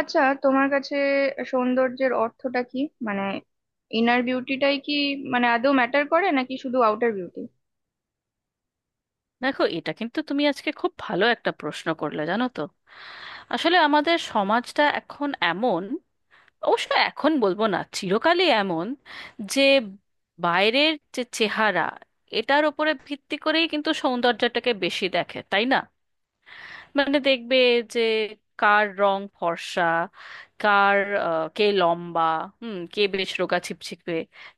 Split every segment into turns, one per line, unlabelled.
আচ্ছা, তোমার কাছে সৌন্দর্যের অর্থটা কি? মানে ইনার বিউটিটাই কি? মানে আদৌ ম্যাটার করে নাকি শুধু আউটার বিউটি?
দেখো, এটা কিন্তু তুমি আজকে খুব ভালো একটা প্রশ্ন করলে, জানো তো। আসলে আমাদের সমাজটা এখন এমন, অবশ্য এখন বলবো না, চিরকালই এমন যে বাইরের যে চেহারা, এটার উপরে ভিত্তি করেই কিন্তু সৌন্দর্যটাকে বেশি দেখে, তাই না? দেখবে যে কার রং ফর্সা, কার কে লম্বা, হুম, কে বেশ রোগা ছিপছিপে,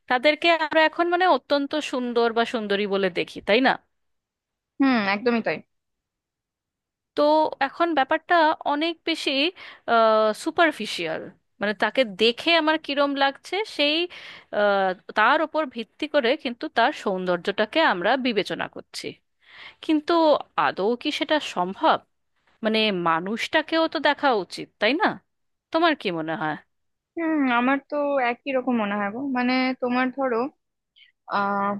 তাদেরকে আমরা এখন অত্যন্ত সুন্দর বা সুন্দরী বলে দেখি, তাই না?
হুম, একদমই তাই।
তো এখন ব্যাপারটা অনেক বেশি সুপারফিশিয়াল। তাকে দেখে আমার কিরম লাগছে, সেই আহ, তার ওপর ভিত্তি করে কিন্তু তার সৌন্দর্যটাকে আমরা বিবেচনা করছি। কিন্তু আদৌ কি সেটা সম্ভব? মানে মানুষটাকেও তো দেখা উচিত, তাই না? তোমার কি মনে হয়?
হুম, আমার তো একই রকম মনে হয় গো। মানে তোমার ধরো, আহ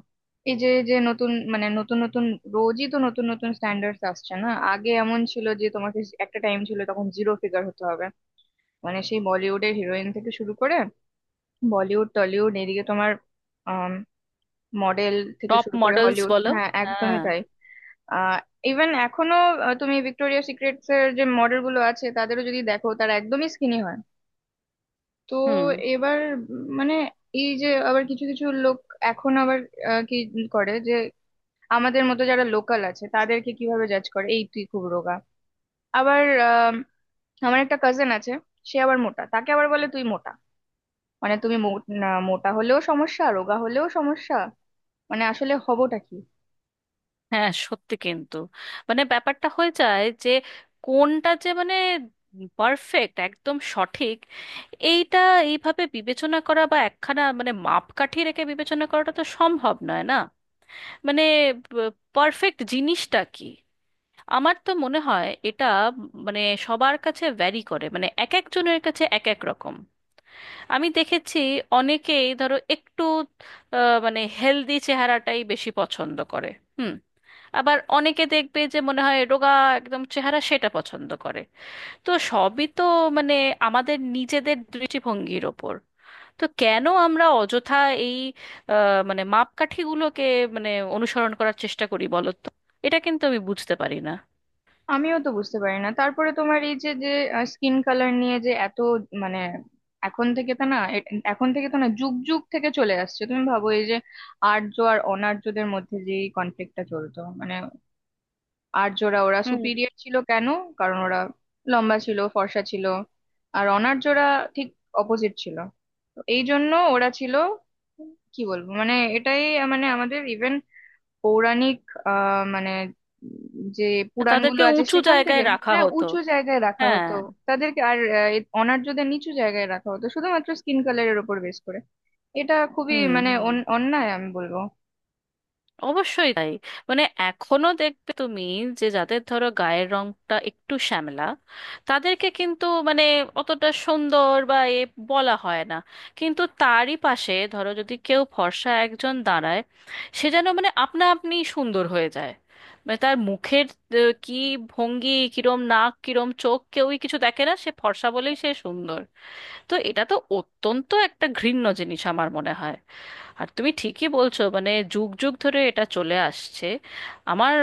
এই যে যে নতুন, মানে নতুন নতুন, রোজই তো নতুন নতুন স্ট্যান্ডার্ডস আসছে না। আগে এমন ছিল যে তোমাকে, একটা টাইম ছিল তখন জিরো ফিগার হতে হবে। মানে সেই বলিউডের হিরোইন থেকে শুরু করে বলিউড, টলিউড, এদিকে তোমার মডেল থেকে
টপ
শুরু করে
মডেলস
হলিউড।
বলো,
হ্যাঁ, একদমই
হ্যাঁ।
তাই। আহ ইভেন এখনো তুমি ভিক্টোরিয়া সিক্রেটস এর যে মডেল গুলো আছে তাদেরও যদি দেখো, তারা একদমই স্কিনি হয়। তো
হুম।
এবার মানে এই যে আবার কিছু কিছু লোক এখন আবার কি করে যে, আমাদের মতো যারা লোকাল আছে তাদেরকে কিভাবে জাজ করে, এই তুই খুব রোগা। আবার আমার একটা কাজিন আছে, সে আবার মোটা, তাকে আবার বলে তুই মোটা। মানে না, মোটা হলেও সমস্যা, রোগা হলেও সমস্যা। মানে আসলে হবটা কি?
হ্যাঁ সত্যি, কিন্তু ব্যাপারটা হয়ে যায় যে কোনটা যে পারফেক্ট, একদম সঠিক, এইটা এইভাবে বিবেচনা করা বা একখানা মাপকাঠি রেখে বিবেচনা করাটা তো সম্ভব নয়, না? মানে পারফেক্ট জিনিসটা কি? আমার তো মনে হয় এটা মানে সবার কাছে ভ্যারি করে, এক একজনের কাছে এক এক রকম। আমি দেখেছি অনেকেই ধরো একটু হেলদি চেহারাটাই বেশি পছন্দ করে। হুম। আবার অনেকে দেখবে যে মনে হয় রোগা একদম চেহারা সেটা পছন্দ করে। তো সবই তো মানে আমাদের নিজেদের দৃষ্টিভঙ্গির ওপর। তো কেন আমরা অযথা এই মাপকাঠিগুলোকে মানে অনুসরণ করার চেষ্টা করি বলো তো? এটা কিন্তু আমি বুঝতে পারি না।
আমিও তো বুঝতে পারি না। তারপরে তোমার এই যে যে স্কিন কালার নিয়ে যে এত, মানে এখন থেকে তো না এ- এখন থেকে তো না, যুগ যুগ থেকে চলে আসছে। তুমি ভাবো এই যে আর্য আর অনার্যদের মধ্যে যে কনফ্লিক্টটা চলতো, মানে আর্যরা, ওরা
হুম।
সুপিরিয়র ছিল কেন? কারণ ওরা লম্বা ছিল, ফর্সা ছিল, আর অনার্যরা ঠিক অপোজিট ছিল। তো এই জন্য ওরা ছিল, কি বলবো, মানে এটাই। মানে আমাদের ইভেন পৌরাণিক, মানে যে পুরাণগুলো
তাদেরকে
আছে
উঁচু
সেখান
জায়গায়
থেকে।
রাখা
না,
হতো।
উঁচু জায়গায় রাখা
হ্যাঁ।
হতো তাদেরকে, আর অনার্যদের নিচু জায়গায় রাখা হতো শুধুমাত্র স্কিন কালারের উপর বেস করে। এটা খুবই
হুম
মানে
হুম,
অন্যায় আমি বলবো।
অবশ্যই তাই। মানে এখনো দেখবে তুমি, যে যাদের ধরো গায়ের রংটা একটু শ্যামলা, তাদেরকে কিন্তু অতটা সুন্দর বা এ বলা হয় না। কিন্তু তারই পাশে ধরো যদি কেউ ফর্সা একজন দাঁড়ায়, সে যেন আপনা আপনি সুন্দর হয়ে যায়। তার মুখের কি ভঙ্গি কিরম, নাক কিরম, চোখ, কেউই কিছু দেখে না, সে ফর্সা বলেই সে সুন্দর। তো এটা তো অত্যন্ত একটা ঘৃণ্য জিনিস আমার মনে হয়। আর তুমি ঠিকই বলছো, যুগ যুগ ধরে এটা চলে আসছে। আমার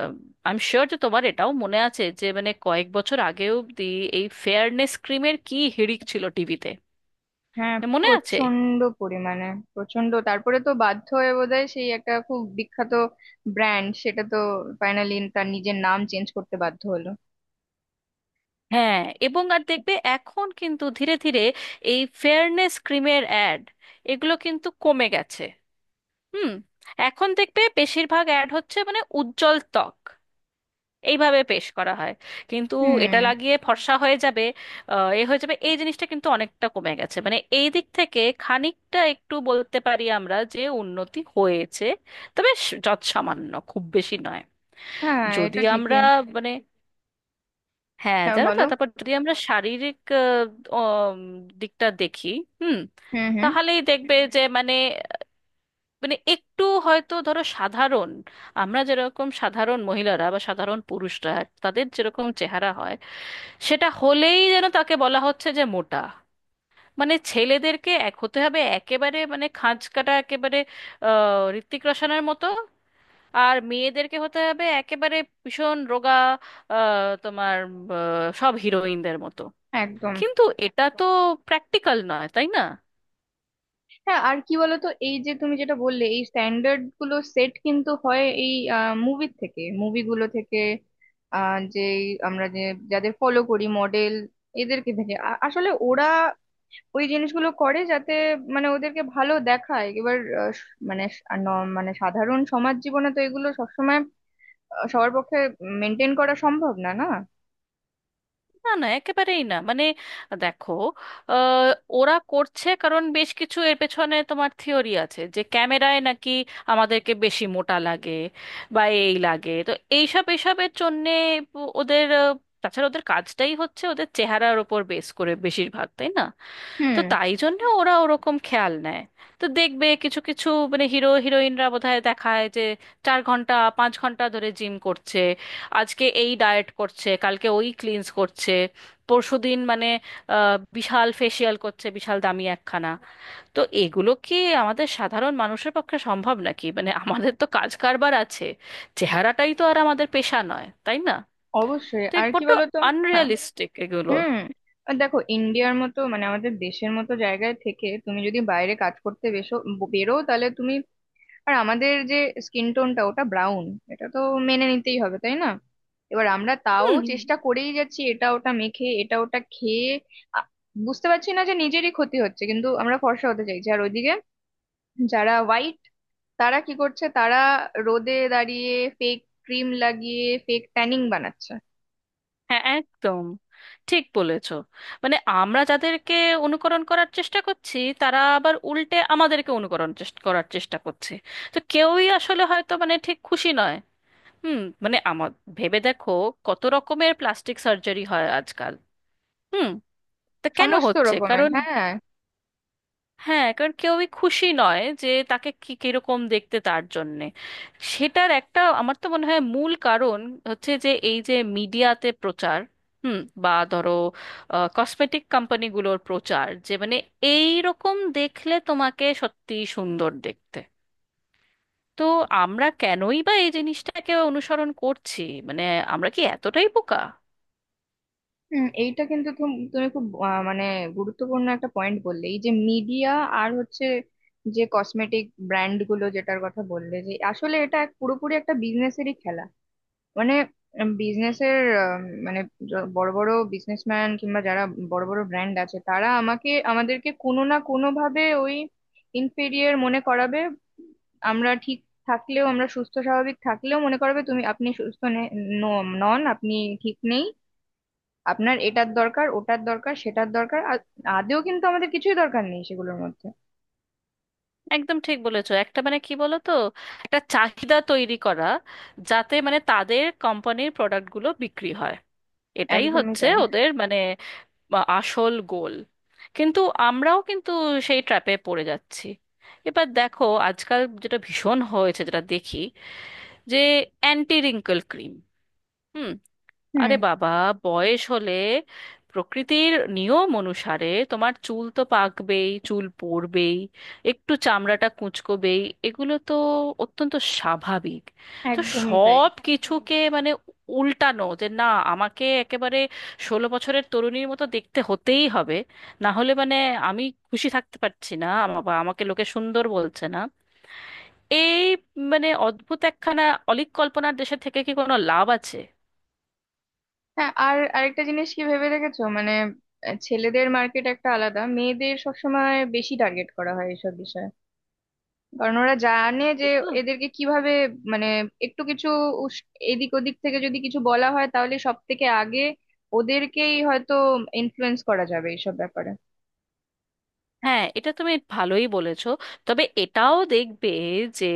আই এম শিওর যে তোমার এটাও মনে আছে যে কয়েক বছর আগে অবধি এই ফেয়ারনেস ক্রিমের কি হিড়িক ছিল টিভিতে,
হ্যাঁ,
মনে আছে?
প্রচন্ড পরিমাণে। প্রচন্ড, তারপরে তো বাধ্য হয়ে বোধহয় সেই একটা খুব বিখ্যাত ব্র্যান্ড, সেটা তো ফাইনালি তার নিজের নাম চেঞ্জ করতে বাধ্য হলো।
হ্যাঁ। এবং আর দেখবে এখন কিন্তু ধীরে ধীরে এই ফেয়ারনেস ক্রিমের অ্যাড, এগুলো কিন্তু কমে গেছে। হুম। এখন দেখবে বেশিরভাগ অ্যাড হচ্ছে উজ্জ্বল ত্বক এইভাবে পেশ করা হয়। কিন্তু এটা
হুম।
লাগিয়ে ফর্সা হয়ে যাবে, এ হয়ে যাবে, এই জিনিসটা কিন্তু অনেকটা কমে গেছে। এই দিক থেকে খানিকটা একটু বলতে পারি আমরা যে উন্নতি হয়েছে, তবে যৎসামান্য, খুব বেশি নয়।
হ্যাঁ,
যদি
এটা ঠিকই।
আমরা মানে হ্যাঁ
হ্যাঁ
জানো তো,
বলো।
তারপর যদি আমরা শারীরিক উম, দিকটা দেখি, হুম,
হুম হুম।
তাহলেই দেখবে যে মানে মানে একটু হয়তো ধরো সাধারণ, আমরা যেরকম সাধারণ মহিলারা বা সাধারণ পুরুষরা, তাদের যেরকম চেহারা হয়, সেটা হলেই যেন তাকে বলা হচ্ছে যে মোটা। ছেলেদেরকে এক হতে হবে একেবারে, খাঁজ কাটা একেবারে ঋত্বিক রোশনের মতো। আর মেয়েদেরকে হতে হবে একেবারে ভীষণ রোগা, আহ, তোমার সব হিরোইনদের মতো।
একদম।
কিন্তু এটা তো প্র্যাকটিক্যাল নয়, তাই না?
হ্যাঁ, আর কি বলতো, এই যে তুমি যেটা বললে, এই স্ট্যান্ডার্ড গুলো সেট কিন্তু হয় এই মুভির থেকে মুভিগুলো থেকে, যে আমরা যে যাদের ফলো করি, মডেল এদেরকে থেকে, আসলে ওরা ওই জিনিসগুলো করে যাতে মানে ওদেরকে ভালো দেখায়। এবার আহ, স- মানে স- আর ন- মানে সাধারণ সমাজ জীবনে তো এগুলো সবসময় সবার পক্ষে মেনটেন করা সম্ভব না না।
না না, একেবারেই না। দেখো, আহ, ওরা করছে কারণ বেশ কিছু এর পেছনে তোমার থিওরি আছে যে ক্যামেরায় নাকি আমাদেরকে বেশি মোটা লাগে বা এই লাগে, তো এইসব এসবের জন্যে ওদের তাছাড়া ওদের কাজটাই হচ্ছে ওদের চেহারার ওপর বেস করে বেশিরভাগ, তাই না? তো
হুম।
তাই জন্য ওরা ওরকম খেয়াল নেয়। তো দেখবে কিছু কিছু হিরো হিরোইনরা বোধহয় দেখায় যে 4 ঘন্টা 5 ঘন্টা ধরে জিম করছে, আজকে এই ডায়েট করছে, কালকে ওই ক্লিনস করছে, পরশুদিন বিশাল ফেসিয়াল করছে, বিশাল দামি একখানা। তো এগুলো কি আমাদের সাধারণ মানুষের পক্ষে সম্ভব নাকি? আমাদের তো কাজ কারবার আছে, চেহারাটাই তো আর আমাদের পেশা নয়, তাই না?
অবশ্যই,
তো এক
আর কি
বড্ড
বলতো। হ্যাঁ,
আনরিয়ালিস্টিক এগুলো।
হুম। আর দেখো ইন্ডিয়ার মতো, মানে আমাদের দেশের মতো জায়গায় থেকে তুমি যদি বাইরে কাজ করতে বেরো, তাহলে তুমি, আর আমাদের যে স্কিন টোনটা, ওটা ব্রাউন। এটা তো মেনে নিতেই হবে তাই না। এবার আমরা তাও
হুম।
চেষ্টা করেই যাচ্ছি এটা ওটা মেখে, এটা ওটা খেয়ে। আ- বুঝতে পারছি না যে নিজেরই ক্ষতি হচ্ছে, কিন্তু আমরা ফর্সা হতে চাইছি। আর ওইদিকে যারা হোয়াইট, তারা কি করছে? তারা রোদে দাঁড়িয়ে ফেক ক্রিম লাগিয়ে ফেক ট্যানিং বানাচ্ছে।
হ্যাঁ একদম ঠিক বলেছো। আমরা যাদেরকে অনুকরণ করার চেষ্টা করছি, তারা আবার উল্টে আমাদেরকে অনুকরণ চেষ্টা করার চেষ্টা করছে। তো কেউই আসলে হয়তো ঠিক খুশি নয়। হুম। মানে আমার ভেবে দেখো কত রকমের প্লাস্টিক সার্জারি হয় আজকাল। হুম। তা কেন
সমস্ত
হচ্ছে?
রকমের,
কারণ,
হ্যাঁ।
হ্যাঁ কারণ কেউই খুশি নয় যে তাকে কি কিরকম দেখতে, তার জন্যে। সেটার একটা আমার তো মনে হয় মূল কারণ হচ্ছে যে এই যে মিডিয়াতে প্রচার, হুম, বা ধরো কসমেটিক কোম্পানিগুলোর প্রচার যে এই রকম দেখলে তোমাকে সত্যি সুন্দর দেখতে। তো আমরা কেনই বা এই জিনিসটাকে অনুসরণ করছি? মানে আমরা কি এতটাই বোকা?
হুম, এইটা কিন্তু তুমি খুব মানে গুরুত্বপূর্ণ একটা পয়েন্ট বললে, এই যে মিডিয়া, আর হচ্ছে যে কসমেটিক ব্র্যান্ড গুলো যেটার কথা বললে, যে আসলে এটা পুরোপুরি একটা বিজনেসেরই খেলা। মানে বিজনেসের, মানে বড় বড় বিজনেসম্যান কিংবা যারা বড় বড় ব্র্যান্ড আছে, তারা আমাদেরকে কোনো না কোনো ভাবে ওই ইনফেরিয়ার মনে করাবে। আমরা ঠিক থাকলেও, আমরা সুস্থ স্বাভাবিক থাকলেও মনে করাবে আপনি সুস্থ নন, আপনি ঠিক নেই। আপনার এটার দরকার, ওটার দরকার, সেটার দরকার। আর আদেও কিন্তু আমাদের কিছুই দরকার নেই সেগুলোর মধ্যে।
একদম ঠিক বলেছো। একটা কি বলো তো, একটা চাহিদা তৈরি করা যাতে তাদের কোম্পানির প্রোডাক্টগুলো বিক্রি হয়। এটাই
একদমই
হচ্ছে
তাই।
ওদের আসল গোল। কিন্তু আমরাও কিন্তু সেই ট্র্যাপে পড়ে যাচ্ছি। এবার দেখো আজকাল যেটা ভীষণ হয়েছে যেটা দেখি, যে অ্যান্টি রিঙ্কল ক্রিম। আরে
হুম,
বাবা, বয়স হলে প্রকৃতির নিয়ম অনুসারে তোমার চুল তো পাকবেই, চুল পড়বেই, একটু চামড়াটা কুঁচকোবেই। এগুলো তো অত্যন্ত স্বাভাবিক। তো
একদমই তাই।
সব কিছুকে উল্টানো, যে না, আমাকে একেবারে 16 বছরের তরুণীর মতো দেখতে হতেই হবে, না হলে আমি খুশি থাকতে পারছি না, বা আমাকে লোকে সুন্দর বলছে না, এই অদ্ভুত একখানা অলীক কল্পনার দেশে থেকে কি কোনো লাভ আছে?
হ্যাঁ, আর আরেকটা জিনিস কি ভেবে দেখেছো? মানে ছেলেদের মার্কেট একটা আলাদা, মেয়েদের সবসময় বেশি টার্গেট করা হয় এইসব বিষয়ে। কারণ ওরা জানে যে
এ তো,
এদেরকে কিভাবে, মানে একটু কিছু এদিক ওদিক থেকে যদি কিছু বলা হয়, তাহলে সব থেকে আগে ওদেরকেই হয়তো ইনফ্লুয়েন্স করা যাবে এইসব ব্যাপারে।
হ্যাঁ এটা তুমি ভালোই বলেছো। তবে এটাও দেখবে যে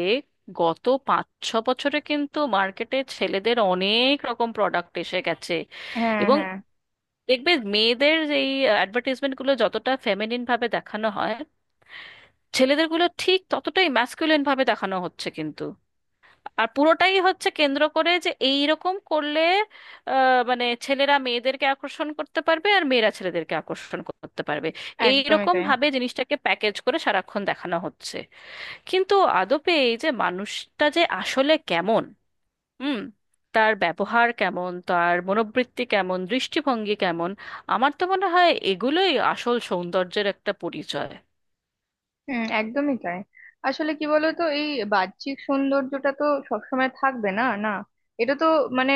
গত 5-6 বছরে কিন্তু মার্কেটে ছেলেদের অনেক রকম প্রোডাক্ট এসে গেছে।
হ্যাঁ
এবং
হ্যাঁ।
দেখবে মেয়েদের এই অ্যাডভার্টাইজমেন্ট গুলো যতটা ফেমিনিন ভাবে দেখানো হয়, ছেলেদের গুলো ঠিক ততটাই ম্যাস্কুলিন ভাবে দেখানো হচ্ছে কিন্তু। আর পুরোটাই হচ্ছে কেন্দ্র করে যে এই রকম করলে আহ, মানে ছেলেরা মেয়েদেরকে আকর্ষণ করতে পারবে আর মেয়েরা ছেলেদেরকে আকর্ষণ করতে পারবে। এই
একদমই
রকম
তাই।
ভাবে জিনিসটাকে প্যাকেজ করে সারাক্ষণ দেখানো হচ্ছে। কিন্তু আদপে এই যে মানুষটা যে আসলে কেমন, হুম, তার ব্যবহার কেমন, তার মনোবৃত্তি কেমন, দৃষ্টিভঙ্গি কেমন, আমার তো মনে হয় এগুলোই আসল সৌন্দর্যের একটা পরিচয়।
হুম, একদমই তাই। আসলে কি বলতো, এই বাহ্যিক সৌন্দর্যটা তো সবসময় থাকবে না না। এটা তো মানে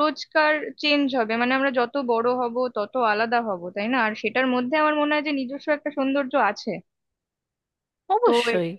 রোজকার চেঞ্জ হবে, মানে আমরা যত বড় হব তত আলাদা হব তাই না? আর সেটার মধ্যে আমার মনে হয় যে নিজস্ব একটা সৌন্দর্য আছে। তো।
অবশ্যই।